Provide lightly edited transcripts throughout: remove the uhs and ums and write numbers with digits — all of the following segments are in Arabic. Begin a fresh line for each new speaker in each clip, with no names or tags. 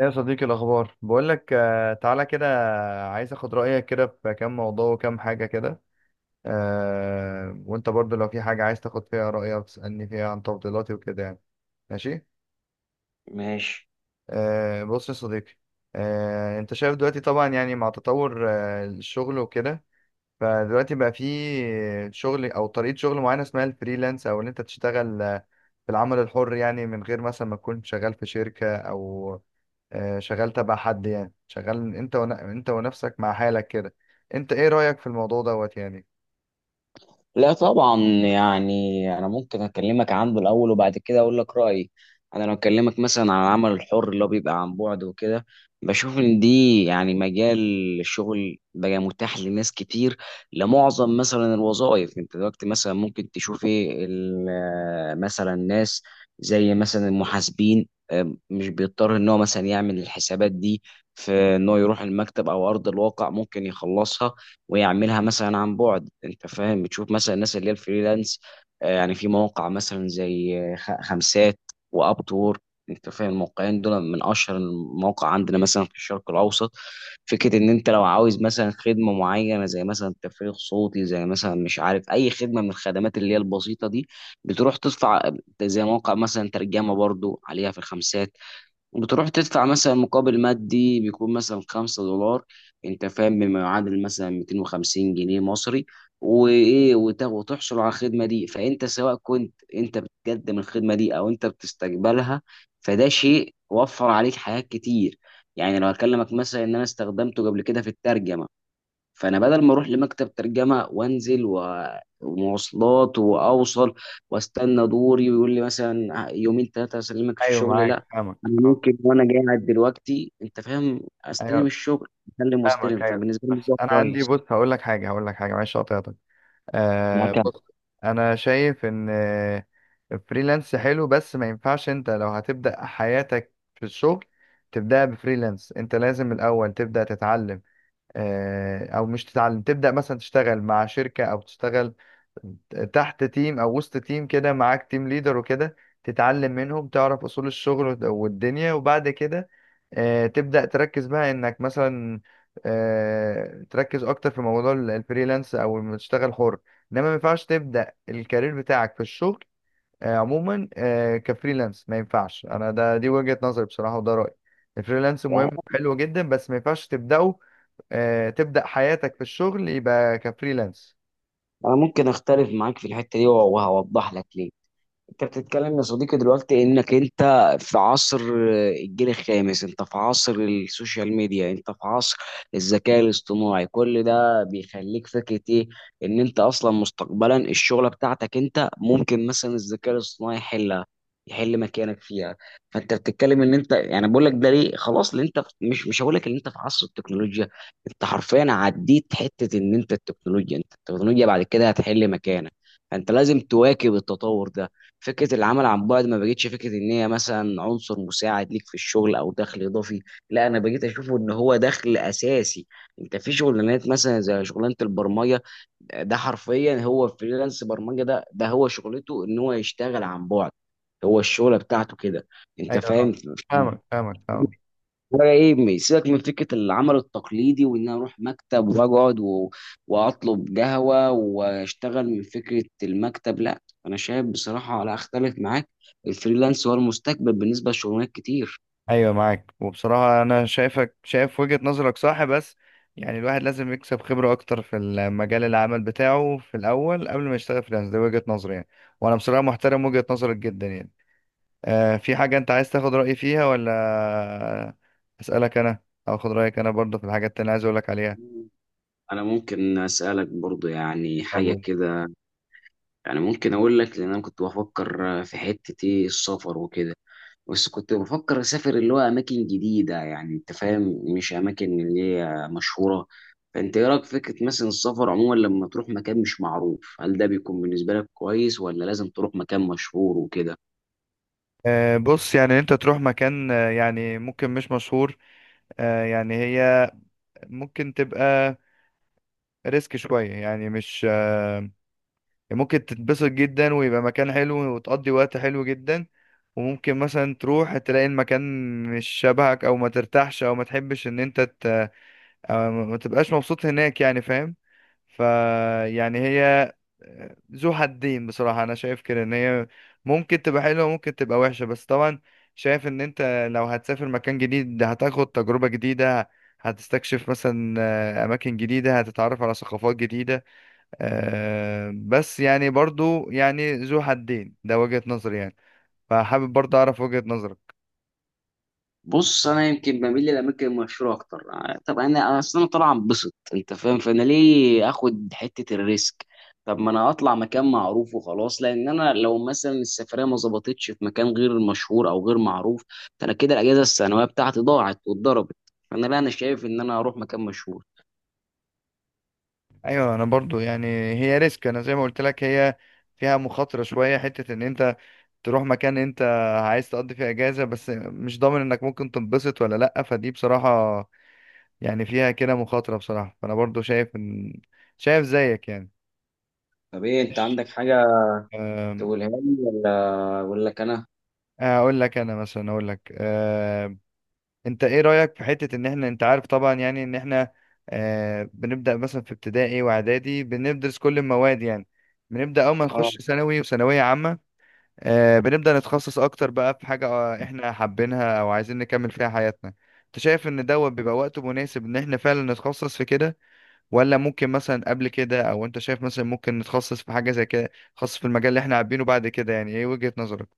إيه يا صديقي الأخبار؟ بقول لك تعالى كده، عايز أخد رأيك كده في كام موضوع وكام حاجة كده. وأنت برضو لو في حاجة عايز تاخد فيها رأيك تسألني فيها عن تفضيلاتي وكده ماشي.
ماشي.
بص يا صديقي. أنت شايف دلوقتي طبعا يعني مع تطور الشغل وكده. فدلوقتي بقى في شغل أو طريقة شغل معينة اسمها الفريلانس، أو إن أنت تشتغل في العمل الحر، يعني من غير مثلا ما تكون شغال في شركة، أو شغال تبع حد، يعني شغال انت ونفسك مع حالك كده. انت ايه رأيك في الموضوع دوت يعني؟
لا، طبعا يعني انا ممكن اكلمك عنه الاول وبعد كده اقول لك رايي. انا لو اكلمك مثلا عن العمل الحر اللي هو بيبقى عن بعد وكده، بشوف ان دي يعني مجال الشغل بقى متاح لناس كتير، لمعظم مثلا الوظائف. انت دلوقتي مثلا ممكن تشوف ايه مثلا ناس زي مثلا المحاسبين، مش بيضطر ان هو مثلا يعمل الحسابات دي في ان هو يروح المكتب او ارض الواقع، ممكن يخلصها ويعملها مثلا عن بعد. انت فاهم، بتشوف مثلا الناس اللي هي الفريلانس. يعني في مواقع مثلا زي خمسات واب وورك. انت فاهم الموقعين دول من اشهر المواقع عندنا مثلا في الشرق الاوسط. فكره ان انت لو عاوز مثلا خدمه معينه زي مثلا تفريغ صوتي، زي مثلا مش عارف اي خدمه من الخدمات اللي هي البسيطه دي، بتروح تدفع، زي موقع مثلا ترجمه برضو عليها في الخمسات، بتروح تدفع مثلا مقابل مادي بيكون مثلا 5 دولار، انت فاهم، بما يعادل مثلا 250 جنيه مصري، وايه وتحصل على الخدمه دي. فانت سواء كنت انت بتقدم الخدمه دي او انت بتستقبلها، فده شيء وفر عليك حاجات كتير. يعني لو اكلمك مثلا ان انا استخدمته قبل كده في الترجمه، فانا بدل ما اروح لمكتب ترجمه وانزل ومواصلات واوصل واستنى دوري ويقول لي مثلا يومين ثلاثه اسلمك
ايوه
الشغل، لا،
معاك، فاهمك،
انا
اه.
ممكن وانا قاعد دلوقتي، انت فاهم، استلم
ايوه.
الشغل اسلم
فاهمك،
واستلم.
ايوه،
فبالنسبه لي
بس
ده
انا عندي،
كويس.
بص هقول لك حاجه، هقول لك حاجه، معلش قطعتك. آه
معاك.
بص، انا شايف ان الفريلانس حلو، بس ما ينفعش انت لو هتبدأ حياتك في الشغل تبدأ بفريلانس. انت لازم الاول تبدأ تتعلم، او مش تتعلم، تبدا مثلا تشتغل مع شركه، او تشتغل تحت تيم او وسط تيم كده، معاك تيم ليدر وكده، تتعلم منهم، تعرف اصول الشغل والدنيا، وبعد كده تبدا تركز بقى انك مثلا تركز اكتر في موضوع الفريلانس، او لما تشتغل حر. انما ما ينفعش تبدا الكارير بتاعك في الشغل عموما كفريلانس. ما ينفعش، انا ده دي وجهة نظري بصراحة، وده رأيي. الفريلانس مهم،
يعني
حلو جدا، بس ما ينفعش تبدأه تبدأ حياتك في الشغل يبقى كفريلانس.
انا ممكن اختلف معاك في الحته دي، وهوضح لك ليه. انت بتتكلم يا صديقي دلوقتي انك انت في عصر الجيل الخامس، انت في عصر السوشيال ميديا، انت في عصر الذكاء الاصطناعي. كل ده بيخليك فكرة ايه؟ ان انت اصلا مستقبلا الشغلة بتاعتك انت ممكن مثلا الذكاء الاصطناعي يحلها، يحل مكانك فيها. فانت بتتكلم ان انت يعني، بقول لك ده ليه، خلاص اللي انت مش هقول لك ان انت في عصر التكنولوجيا، انت حرفيا عديت حتة ان انت التكنولوجيا، انت التكنولوجيا بعد كده هتحل مكانك. فانت لازم تواكب التطور ده. فكره العمل عن بعد ما بقتش فكره ان هي مثلا عنصر مساعد ليك في الشغل او دخل اضافي، لا، انا بقيت اشوفه ان هو دخل اساسي. انت في شغلانات مثلا زي شغلانه البرمجه، ده حرفيا هو فريلانس. برمجه ده هو شغلته، ان هو يشتغل عن بعد. هو الشغله بتاعته كده. انت
ايوه.
فاهم،
آه. فاهمك فاهمك.
ولا ايه؟ سيبك من فكره العمل التقليدي وان انا اروح مكتب واقعد واطلب قهوه واشتغل من فكره المكتب. لا، انا شايف بصراحه، لا اختلف معاك، الفريلانس هو المستقبل بالنسبه لشغلانات كتير.
ايوه معاك، وبصراحه انا شايفك شايف وجهه نظرك صح، بس يعني الواحد لازم يكسب خبره اكتر في المجال العمل بتاعه في الاول قبل ما يشتغل فريلانس، ده وجهه نظري يعني. وانا بصراحه محترم وجهه نظرك جدا يعني. آه، في حاجه انت عايز تاخد رايي فيها، ولا اسالك انا، او اخد رايك انا برضه في الحاجات اللي أنا عايز اقول لك عليها؟
انا ممكن اسالك برضو يعني
طب
حاجه
قول.
كده. يعني ممكن اقول لك لان انا كنت بفكر في حته ايه، السفر وكده، بس كنت بفكر اسافر اللي هو اماكن جديده، يعني انت فاهم، مش اماكن اللي هي مشهوره. فانت ايه رايك في فكره مثلا السفر عموما؟ لما تروح مكان مش معروف، هل ده بيكون بالنسبه لك كويس، ولا لازم تروح مكان مشهور وكده؟
بص، يعني انت تروح مكان يعني ممكن مش مشهور، يعني هي ممكن تبقى ريسك شوية، يعني مش ممكن تتبسط جدا ويبقى مكان حلو وتقضي وقت حلو جدا، وممكن مثلا تروح تلاقي المكان مش شبهك، او ما ترتاحش، او ما تحبش أو ما تبقاش مبسوط هناك، يعني فاهم. فيعني هي ذو حدين بصراحة أنا شايف كده، إن هي ممكن تبقى حلوة، ممكن تبقى وحشة. بس طبعا شايف إن أنت لو هتسافر مكان جديد هتاخد تجربة جديدة، هتستكشف مثلا أماكن جديدة، هتتعرف على ثقافات جديدة بس يعني برضو يعني ذو حدين، ده وجهة نظري يعني. فحابب برضو أعرف وجهة نظرك.
بص، انا يمكن بميل للاماكن المشهوره اكتر. طب انا اصلا انا طالع انبسط، انت فاهم، فانا ليه اخد حته الريسك؟ طب ما انا اطلع مكان معروف وخلاص، لان انا لو مثلا السفريه ما ظبطتش في مكان غير مشهور او غير معروف، فانا كده الاجازه السنويه بتاعتي ضاعت واتضربت. فانا لا، انا شايف ان انا اروح مكان مشهور.
أيوة، أنا برضو يعني هي ريسك، أنا زي ما قلت لك هي فيها مخاطرة شوية، حتة إن أنت تروح مكان انت عايز تقضي فيه اجازة، بس مش ضامن انك ممكن تنبسط ولا لأ. فدي بصراحة يعني فيها كده مخاطرة بصراحة، فانا برضو شايف ان، شايف زيك يعني.
طب ايه، انت
ماشي.
عندك حاجه
أم،
تقولها لي ولا لك انا؟
اقول لك انا مثلا، انت ايه رأيك في حتة ان احنا، انت عارف طبعا يعني ان احنا بنبدأ مثلا في ابتدائي واعدادي بندرس كل المواد يعني، بنبدأ اول ما نخش ثانوي وثانوية عامة بنبدأ نتخصص أكتر بقى في حاجة إحنا حابينها أو عايزين نكمل فيها حياتنا. أنت شايف إن دوت بيبقى وقت مناسب إن إحنا فعلا نتخصص في كده، ولا ممكن مثلا قبل كده؟ أو أنت شايف مثلا ممكن نتخصص في حاجة زي كده خاص في المجال اللي إحنا حابينه بعد كده؟ يعني إيه وجهة نظرك؟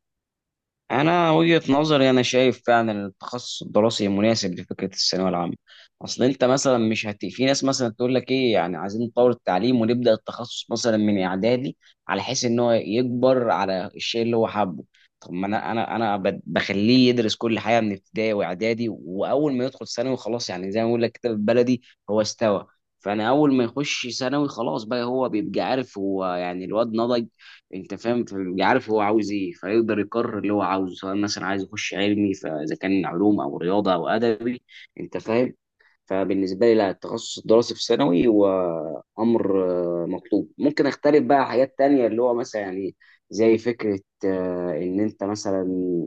انا وجهة نظري، انا شايف فعلا إن التخصص الدراسي مناسب لفكره الثانويه العامه. اصل انت مثلا مش هت... في ناس مثلا تقول لك ايه، يعني عايزين نطور التعليم ونبدا التخصص مثلا من اعدادي، على حيث ان هو يكبر على الشيء اللي هو حابه. طب ما انا بخليه يدرس كل حاجه من ابتدائي واعدادي، واول ما يدخل ثانوي خلاص، يعني زي ما بقول لك كده بالبلدي، هو استوى. فانا اول ما يخش ثانوي، خلاص بقى هو بيبقى عارف هو، يعني الواد نضج، انت فاهم، فبيبقى عارف هو عاوز ايه، فيقدر يقرر اللي هو عاوزه، سواء مثلا عايز يخش علمي، فاذا كان علوم او رياضه او ادبي، انت فاهم. فبالنسبة لي، لا، التخصص الدراسي في ثانوي هو أمر مطلوب. ممكن أختلف بقى حاجات تانية اللي هو مثلا، يعني، زي فكرة إن أنت مثلا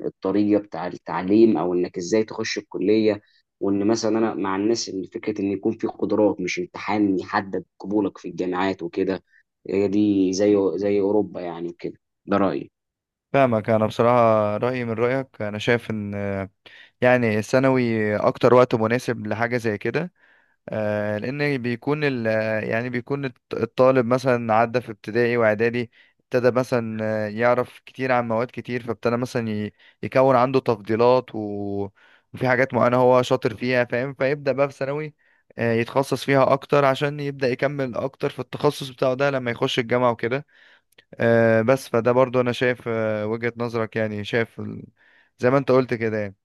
الطريقة بتاع التعليم، أو إنك إزاي تخش الكلية. وإن مثلا أنا مع الناس إن فكرة إن يكون في قدرات، مش امتحان، يحدد قبولك في الجامعات وكده. هي دي زي أوروبا يعني كده. ده رأيي.
فاهمك. أنا بصراحة رأيي من رأيك، أنا شايف إن يعني الثانوي أكتر وقت مناسب لحاجة زي كده لان بيكون يعني بيكون الطالب مثلا عدى في ابتدائي واعدادي، ابتدى مثلا يعرف كتير عن مواد كتير، فابتدى مثلا يكون عنده تفضيلات وفي حاجات معينة هو شاطر فيها، فاهم؟ فيبدأ بقى في ثانوي يتخصص فيها اكتر عشان يبدأ يكمل اكتر في التخصص بتاعه ده لما يخش الجامعة وكده بس. فده برضو انا شايف وجهة نظرك، يعني شايف زي ما انت قلت كده يعني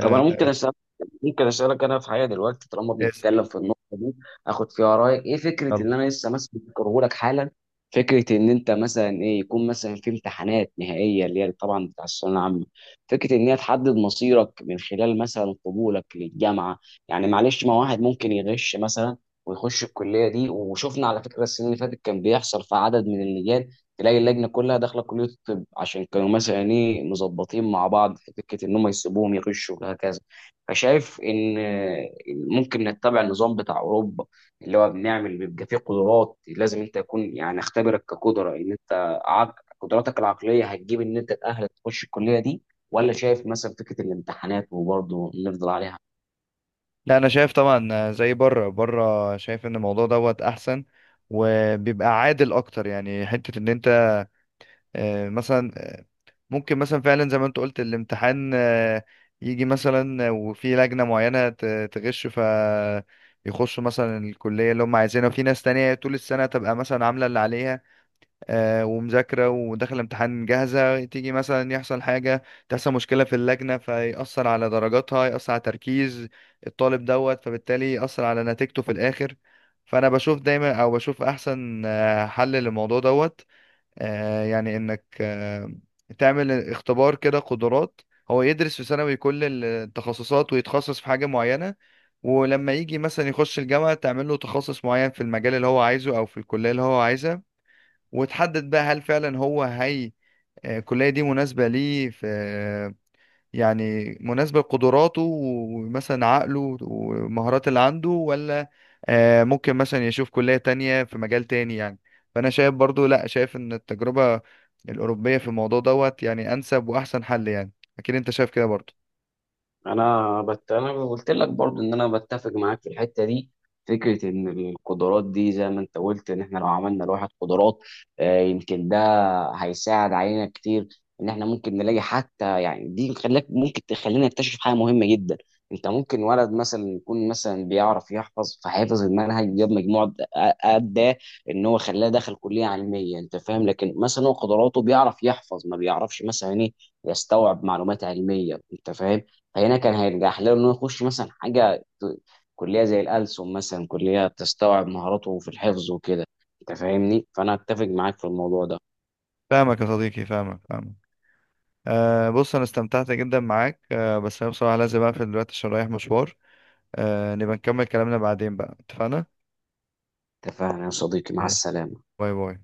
طب انا ممكن اسالك انا في حاجه دلوقتي طالما
اسأل.
بنتكلم في النقطه دي، اخد فيها رايك. ايه فكره
يلا.
ان انا لسه مثلا بذكره لك حالا، فكره ان انت مثلا ايه، يكون مثلا في امتحانات نهائيه، اللي هي طبعا بتاع الثانويه العامه، فكره ان هي تحدد مصيرك من خلال مثلا قبولك للجامعه؟ يعني معلش، ما واحد ممكن يغش مثلا ويخش الكليه دي، وشفنا على فكره السنين اللي فاتت كان بيحصل في عدد من اللي تلاقي اللجنه كلها داخله كليه الطب، عشان كانوا مثلا ايه، مظبطين مع بعض في فكره ان هم يسيبوهم يغشوا، وهكذا. فشايف ان ممكن نتبع النظام بتاع اوروبا، اللي هو بنعمل بيبقى فيه قدرات، لازم انت يكون، يعني، اختبرك كقدره ان انت قدراتك العقليه هتجيب ان انت، تاهلك تخش الكليه دي، ولا شايف مثلا فكره الامتحانات وبرضه نفضل عليها؟
لا، انا شايف طبعا، زي بره، شايف ان الموضوع دوت احسن، وبيبقى عادل اكتر، يعني حتة ان انت مثلا ممكن مثلا فعلا زي ما انت قلت، الامتحان يجي مثلا وفي لجنة معينة تغش ف يخشوا مثلا الكلية اللي هم عايزينها، وفي ناس تانية طول السنة تبقى مثلا عاملة اللي عليها ومذاكرة وداخل امتحان جاهزة، تيجي مثلا يحصل حاجة، تحصل مشكلة في اللجنة فيأثر على درجاتها، يأثر على تركيز الطالب دوت فبالتالي يأثر على نتيجته في الآخر. فأنا بشوف دايما، أو بشوف أحسن حل للموضوع دوت يعني إنك تعمل اختبار كده قدرات. هو يدرس في ثانوي كل التخصصات ويتخصص في حاجة معينة، ولما يجي مثلا يخش الجامعة تعمل له تخصص معين في المجال اللي هو عايزه أو في الكلية اللي هو عايزها، وتحدد بقى هل فعلا هو الكلية دي مناسبة ليه في، يعني مناسبة لقدراته ومثلا عقله والمهارات اللي عنده، ولا ممكن مثلا يشوف كلية تانية في مجال تاني يعني. فأنا شايف برضو، لا شايف إن التجربة الأوروبية في الموضوع دوت يعني أنسب وأحسن حل يعني. أكيد أنت شايف كده برضو.
انا قلت لك برضو ان انا بتفق معاك في الحته دي. فكره ان القدرات دي زي ما انت قلت، ان احنا لو عملنا لواحد قدرات، يمكن ده هيساعد علينا كتير ان احنا ممكن نلاقي، حتى يعني دي خلاك ممكن تخلينا نكتشف حاجه مهمه جدا. انت ممكن ولد مثلا يكون مثلا بيعرف يحفظ، فحافظ المنهج جاب مجموع، ادى ان هو خلاه دخل كليه علميه، انت فاهم، لكن مثلا هو قدراته بيعرف يحفظ، ما بيعرفش مثلا ايه، يستوعب معلومات علميه، انت فاهم، فهنا كان هيرجح له انه يخش مثلا كليه زي الألسن مثلا، كليه تستوعب مهاراته في الحفظ وكده، انت فاهمني، فانا اتفق معاك في الموضوع ده.
فاهمك يا صديقي، فاهمك، فاهمك. أه بص، أنا استمتعت جدا معاك. أه بس أنا بصراحة لازم أقفل دلوقتي عشان رايح مشوار. أه، نبقى نكمل كلامنا بعدين بقى، اتفقنا؟
اتفقنا يا صديقي، مع
ماشي.
السلامه.
باي باي.